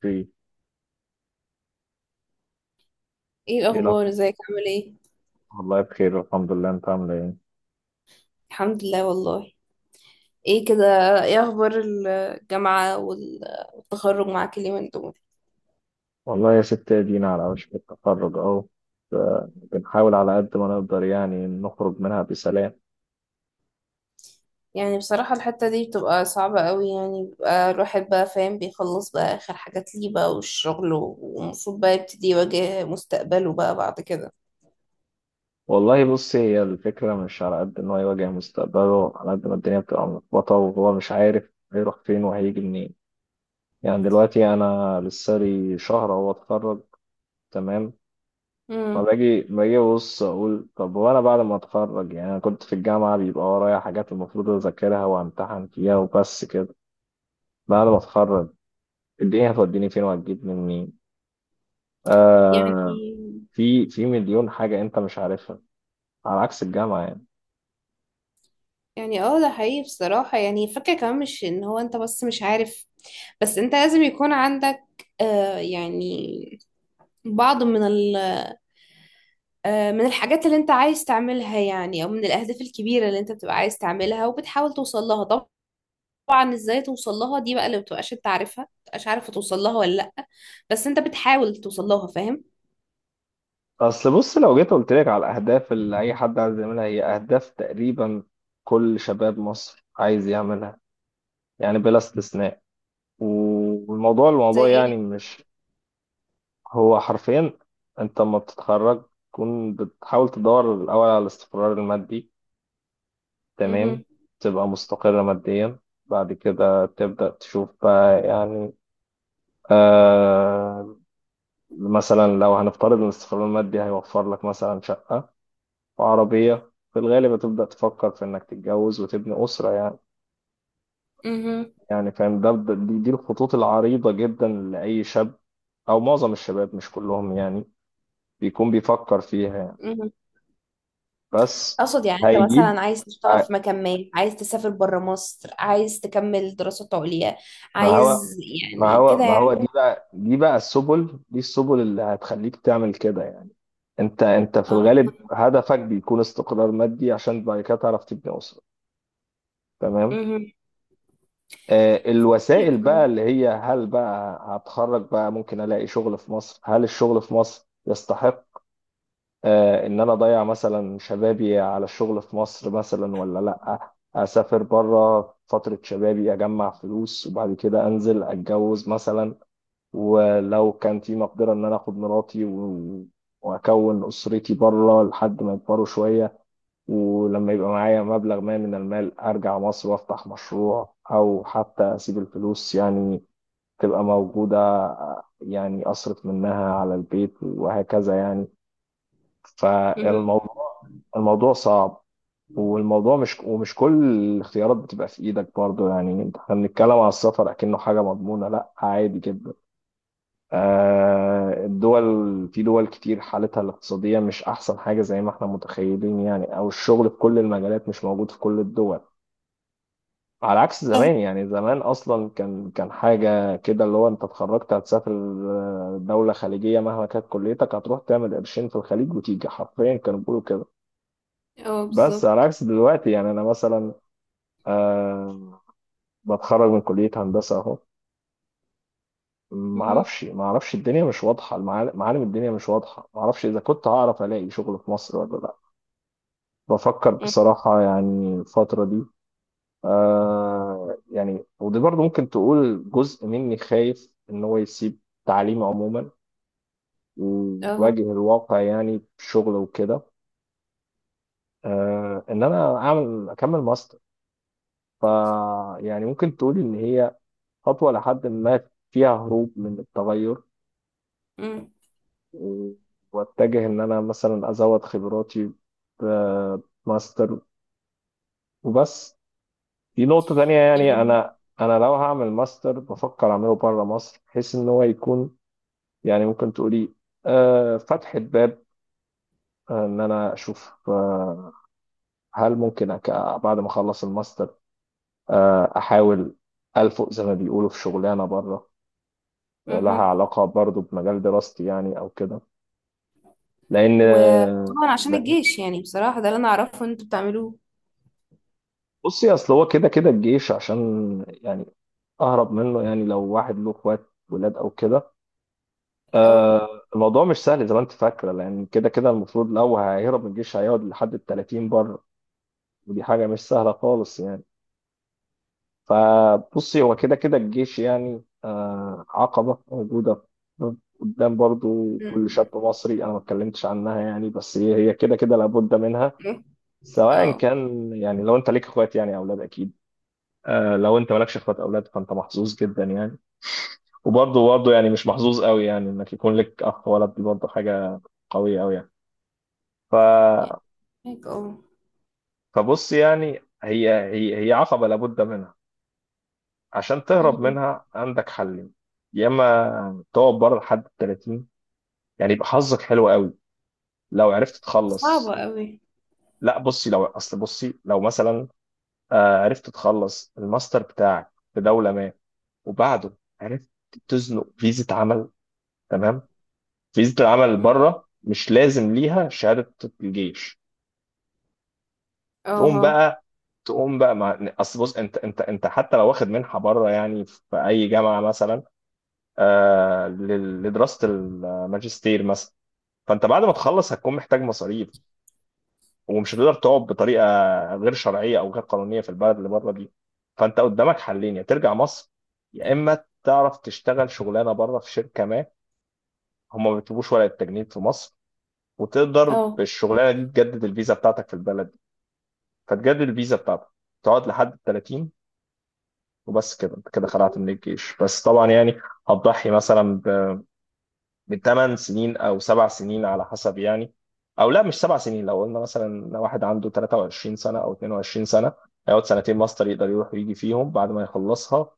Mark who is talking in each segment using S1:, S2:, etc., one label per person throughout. S1: في،
S2: ايه
S1: ايه
S2: الاخبار،
S1: الاخبار؟
S2: ازيك عامل ايه؟
S1: والله بخير الحمد لله، انت عامله ايه؟
S2: الحمد لله والله. ايه كده؟ ايه اخبار الجامعة والتخرج معاك اليومين دول؟
S1: والله يا ست ادينا على وشك التخرج اهو. ف- بنحاول على قد ما نقدر يعني نخرج منها بسلام.
S2: يعني بصراحة الحتة دي بتبقى صعبة قوي، يعني بيبقى الواحد بقى فاهم بيخلص بقى اخر حاجات ليه بقى، والشغل والمفروض بقى يبتدي يواجه مستقبله بقى بعد كده.
S1: والله بص، هي الفكره مش على قد ان هو يواجه مستقبله على قد ما الدنيا بتبقى ملخبطه وهو مش عارف هيروح فين وهيجي منين. يعني دلوقتي انا لسه لي شهر اهو اتخرج، تمام.
S2: امم
S1: فباجي ابص اقول طب، وانا بعد ما اتخرج يعني انا كنت في الجامعه بيبقى ورايا حاجات المفروض اذاكرها وامتحن فيها وبس كده. بعد ما اتخرج الدنيا هتوديني فين وهتجيبني منين؟
S2: يعني
S1: آه، في مليون حاجة انت مش عارفها، على عكس الجامعة يعني.
S2: يعني اه، ده حقيقي بصراحة، يعني فكرة كمان مش ان هو انت بس مش عارف، بس انت لازم يكون عندك يعني بعض من من الحاجات اللي انت عايز تعملها، يعني، او من الاهداف الكبيره اللي انت بتبقى عايز تعملها وبتحاول توصل لها. طبعا ازاي توصل لها دي بقى اللي بتبقاش انت عارفها، مبتبقاش عارفه توصل لها ولا لا، بس انت بتحاول توصل لها، فاهم؟
S1: اصل بص، لو جيت قلت لك على الاهداف اللي اي حد عايز يعملها، هي اهداف تقريبا كل شباب مصر عايز يعملها، يعني بلا استثناء. والموضوع
S2: زي
S1: الموضوع يعني
S2: ايه؟
S1: مش هو حرفيا، انت لما بتتخرج تكون بتحاول تدور الاول على الاستقرار المادي، تمام.
S2: مهم.
S1: تبقى مستقر ماديا، بعد كده تبدأ تشوف بقى يعني. آه، مثلا لو هنفترض ان الاستقرار المادي هيوفر لك مثلا شقة وعربية، في الغالب هتبدأ تفكر في انك تتجوز وتبني أسرة يعني.
S2: مهم.
S1: يعني فاهم، دي الخطوط العريضة جدا لأي شاب، او معظم الشباب مش كلهم يعني، بيكون بيفكر فيها يعني.
S2: مهم.
S1: بس
S2: اقصد يعني انت
S1: هيجيب
S2: مثلا عايز تشتغل
S1: ه-
S2: في مكان ما، عايز تسافر بره مصر، عايز تكمل دراسات عليا،
S1: ما هو
S2: عايز،
S1: ما
S2: يعني
S1: هو
S2: كده
S1: ما
S2: يعني.
S1: هو دي بقى السبل، دي السبل اللي هتخليك تعمل كده يعني. انت في
S2: اه.
S1: الغالب هدفك بيكون استقرار مادي عشان بعد كده تعرف تبني أسرة، تمام.
S2: مهم.
S1: آه، الوسائل بقى
S2: مهم.
S1: اللي هي، هل بقى هتخرج بقى ممكن الاقي شغل في مصر؟ هل الشغل في مصر يستحق، آه، ان انا اضيع مثلا شبابي على الشغل في مصر مثلا ولا لا؟ اسافر بره فترة شبابي، اجمع فلوس وبعد كده انزل اتجوز مثلا، ولو كان في مقدرة ان انا اخد مراتي واكون اسرتي بره لحد ما يكبروا شوية، ولما يبقى معايا مبلغ ما من المال أرجع مصر وأفتح مشروع، أو حتى أسيب الفلوس يعني تبقى موجودة، يعني أصرف منها على البيت وهكذا يعني.
S2: مهم.
S1: فالموضوع صعب، والموضوع مش ومش كل الاختيارات بتبقى في إيدك برضو يعني. احنا بنتكلم على السفر أكنه حاجة مضمونة، لأ عادي جدا، آه، في دول كتير حالتها الاقتصادية مش أحسن حاجة زي ما احنا متخيلين يعني، أو الشغل في كل المجالات مش موجود في كل الدول. على عكس زمان يعني، زمان أصلا كان حاجة كده اللي هو، أنت اتخرجت هتسافر آه، دولة خليجية مهما كانت كليتك هتروح تعمل قرشين في الخليج وتيجي، حرفيا كانوا بيقولوا كده.
S2: اه
S1: بس على
S2: بالظبط.
S1: عكس دلوقتي، يعني أنا مثلا، أه بتخرج من كلية هندسة أهو، ما
S2: مهم.
S1: اعرفش ما اعرفش الدنيا مش واضحه، معالم الدنيا مش واضحه، ما اعرفش اذا كنت هعرف الاقي شغل في مصر ولا لا. بفكر
S2: مهم.
S1: بصراحه يعني الفتره دي، آه يعني، ودي برضو ممكن تقول جزء مني خايف ان هو يسيب تعليمه عموما
S2: اه.
S1: ويواجه الواقع يعني بشغل وكده. آه، ان انا اكمل ماستر، ف يعني ممكن تقول ان هي خطوه لحد ما فيها هروب من التغير،
S2: مم.
S1: واتجه ان انا مثلا ازود خبراتي بماستر وبس. دي نقطة تانية يعني،
S2: يعني.
S1: انا لو هعمل ماستر بفكر اعمله بره مصر، بحيث ان هو يكون، يعني ممكن تقولي آه، فتحة باب، آه، ان انا اشوف آه، هل ممكن أك- بعد ما اخلص الماستر آه، احاول الفق زي ما بيقولوا في شغلانة بره، لها
S2: مهم.
S1: علاقة برضو بمجال دراستي يعني او كده. لان
S2: وطبعا عشان الجيش، يعني بصراحة ده اللي انا اعرفه ان انتوا بتعملوه.
S1: بصي، اصل هو كده كده الجيش عشان، يعني اهرب منه يعني، لو واحد له اخوات ولاد او كده،
S2: اه.
S1: آه الموضوع مش سهل زي ما انت فاكره، لان كده كده المفروض لو هيهرب من الجيش هيقعد لحد ال 30 بره، ودي حاجه مش سهله خالص يعني. فبصي، هو كده كده الجيش يعني آه عقبه موجوده قدام برضو كل
S2: مم.
S1: شاب مصري، انا ما اتكلمتش عنها يعني، بس هي كده كده لابد منها.
S2: ايه.
S1: سواء
S2: اه
S1: كان يعني، لو انت ليك اخوات يعني او اولاد اكيد، آه، لو انت مالكش اخوات اولاد فانت محظوظ جدا يعني، وبرضه يعني مش محظوظ قوي يعني، انك يكون لك اخ ولد دي برضه حاجه قويه قوي يعني.
S2: يعني
S1: ف...
S2: هيك اه.
S1: فبص، يعني هي عقبه لابد منها. عشان تهرب
S2: مهم.
S1: منها عندك حلين، يا اما تقعد بره لحد ال 30، يعني يبقى حظك حلو قوي لو عرفت
S2: صعبة
S1: تخلص.
S2: قوي.
S1: لا بصي لو اصل بصي لو مثلا، آه، عرفت تخلص الماستر بتاعك في دوله ما، وبعده عرفت تزنق فيزا عمل، تمام. فيزا العمل
S2: مهم.
S1: بره مش لازم ليها شهاده الجيش، تقوم
S2: اه.
S1: بقى تقوم بقى مع اصل بص، انت حتى لو واخد منحه بره يعني في اي جامعه مثلا، آه لدراسه الماجستير مثلا، فانت بعد ما تخلص هتكون محتاج مصاريف، ومش هتقدر تقعد بطريقه غير شرعيه او غير قانونيه في البلد اللي بره دي، فانت قدامك حلين، يا ترجع مصر، يا اما تعرف تشتغل شغلانه بره في شركه ما، هم ما بيطلبوش ورقه تجنيد في مصر، وتقدر
S2: اه
S1: بالشغلانه دي تجدد الفيزا بتاعتك في البلد، فتجدد الفيزا بتاعتك تقعد لحد ال 30، وبس كده انت كده خلعت من الجيش. بس طبعا يعني هتضحي مثلا ب 8 سنين او 7 سنين على حسب يعني، او لا مش 7 سنين، لو قلنا مثلا لو واحد عنده 23 سنه او 22 سنه، هيقعد سنتين ماستر يقدر يروح ويجي فيهم بعد ما يخلصها،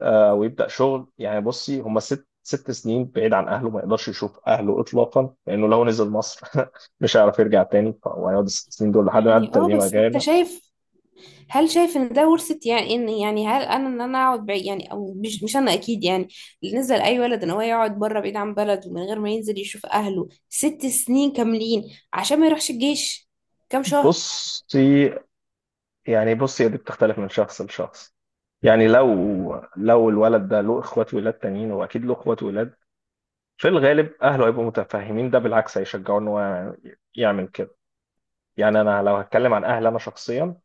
S1: آه، ويبدا شغل يعني. بصي هم ست سنين بعيد عن اهله، ما يقدرش يشوف اهله اطلاقا، لانه لو نزل مصر مش هيعرف يرجع تاني، وهيقعد ال 6 سنين دول لحد ما يعدي
S2: يعني اه،
S1: 30
S2: بس انت
S1: غير.
S2: شايف؟ هل شايف ان ده ورثة؟ يعني ان يعني هل انا ان انا اقعد بعيد، يعني، او مش انا اكيد يعني، اللي نزل اي ولد ان هو يقعد بره بعيد عن بلده من غير ما ينزل يشوف اهله 6 سنين كاملين؟ عشان ما يروحش الجيش كام شهر؟
S1: بصي يعني بص، هي دي بتختلف من شخص لشخص يعني، لو الولد ده له اخوات ولاد تانيين، واكيد له اخوات ولاد في الغالب اهله هيبقوا متفاهمين، ده بالعكس هيشجعوه ان هو يعمل كده. يعني انا لو هتكلم عن اهل انا شخصيا،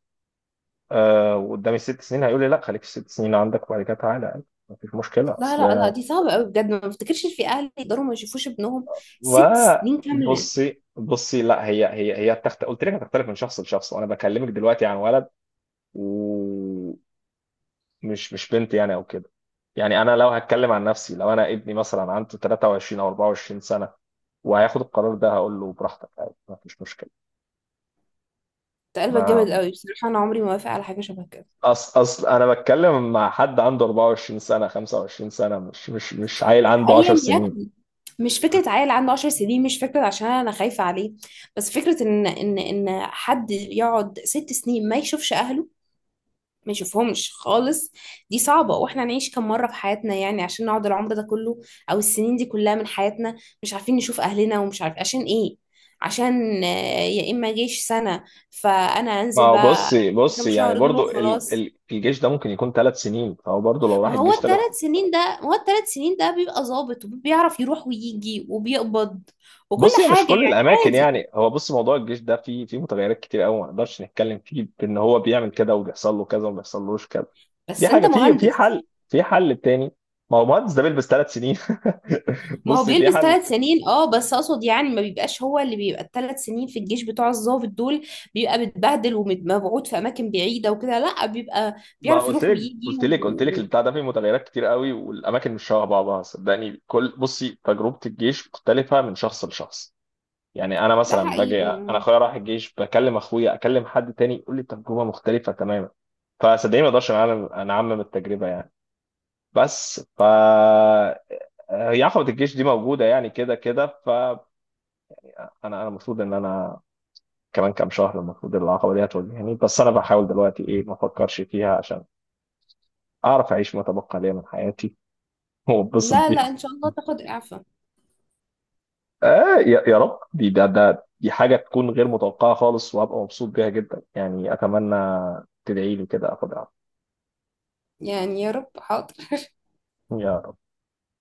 S1: آه وقدامي 6 سنين هيقول لي لا خليك في 6 سنين عندك وبعد كده تعالى، مفيش مشكله
S2: لا
S1: اصل.
S2: لا لا، دي صعبة قوي بجد، ما بفتكرش إن في أهل يقدروا ما يشوفوش ابنهم ست
S1: ما
S2: سنين كاملة.
S1: بصي بصي لا، قلت لك هتختلف من شخص لشخص، وانا بكلمك دلوقتي عن ولد و... مش بنت يعني او كده. يعني انا لو هتكلم عن نفسي، لو انا ابني مثلا عنده 23 او 24 سنه وهياخد القرار ده هقول له براحتك عادي ما فيش مشكله.
S2: ده قلبك جامد
S1: ما
S2: قوي بصراحة، أنا عمري ما وافق على حاجة شبه كده.
S1: اصل اصل انا بتكلم مع حد عنده 24 سنه 25 سنه، مش عيل عنده 10
S2: أيا
S1: سنين.
S2: يكن، مش فكرة عيل عنده 10 سنين، مش فكرة عشان أنا خايفة عليه، بس فكرة إن حد يقعد 6 سنين ما يشوفش أهله، ما يشوفهمش خالص. دي صعبة، واحنا هنعيش كم مرة في حياتنا يعني عشان نقعد العمر ده كله، او السنين دي كلها من حياتنا مش عارفين نشوف اهلنا، ومش عارف عشان ايه، عشان آه، يا اما جيش سنة؟ فانا
S1: ما
S2: انزل
S1: هو
S2: بقى
S1: بصي
S2: كام
S1: بصي يعني
S2: شهر دول
S1: برضو،
S2: وخلاص.
S1: الجيش ده ممكن يكون 3 سنين، فهو برضو لو راح
S2: ما هو
S1: الجيش 3.
S2: الثلاث سنين ده، ما هو الثلاث سنين ده بيبقى ظابط وبيعرف يروح ويجي وبيقبض وكل
S1: بص هي مش
S2: حاجة
S1: كل
S2: يعني.
S1: الاماكن
S2: عادي،
S1: يعني، هو بص موضوع الجيش ده فيه متغيرات كتير قوي، ما نقدرش نتكلم فيه بان هو بيعمل كده وبيحصل له كذا وما بيحصلوش كذا. دي
S2: بس انت
S1: حاجه،
S2: مهندس،
S1: في حل تاني، ما هو مهندس ده بيلبس 3 سنين.
S2: ما هو
S1: بص في
S2: بيلبس
S1: حل،
S2: 3 سنين. اه، بس اقصد يعني ما بيبقاش هو اللي بيبقى الثلاث سنين في الجيش بتوع الضابط دول، بيبقى متبهدل ومبعوت في اماكن بعيده وكده. لا، بيبقى
S1: ما
S2: بيعرف
S1: قلت
S2: يروح
S1: لك
S2: ويجي
S1: قلت لك قلت لك، البتاع ده فيه متغيرات كتير قوي والاماكن مش شبه بعضها صدقني. كل تجربه الجيش مختلفه من شخص لشخص، يعني انا
S2: ده
S1: مثلا باجي
S2: حقيقي
S1: انا
S2: آه.
S1: اخويا راح الجيش، بكلم اخويا اكلم حد تاني يقول لي تجربه مختلفه تماما، فصدقني ما اقدرش انا انعمم التجربه يعني. بس ف هي عقبه الجيش دي موجوده يعني كده كده، انا المفروض ان انا كمان كام شهر المفروض العقبه دي هتواجهني، بس انا بحاول دلوقتي ايه، ما افكرش فيها عشان اعرف اعيش ما تبقى ليا من حياتي واتبسط
S2: لا
S1: بيها.
S2: لا ان شاء الله تاخد اعفاء.
S1: آه يا رب، دي ده ده دي حاجة تكون غير متوقعة خالص، وهبقى مبسوط بيها جدا يعني أتمنى. تدعي لي كده أخدها،
S2: يعني يا رب حاضر
S1: يا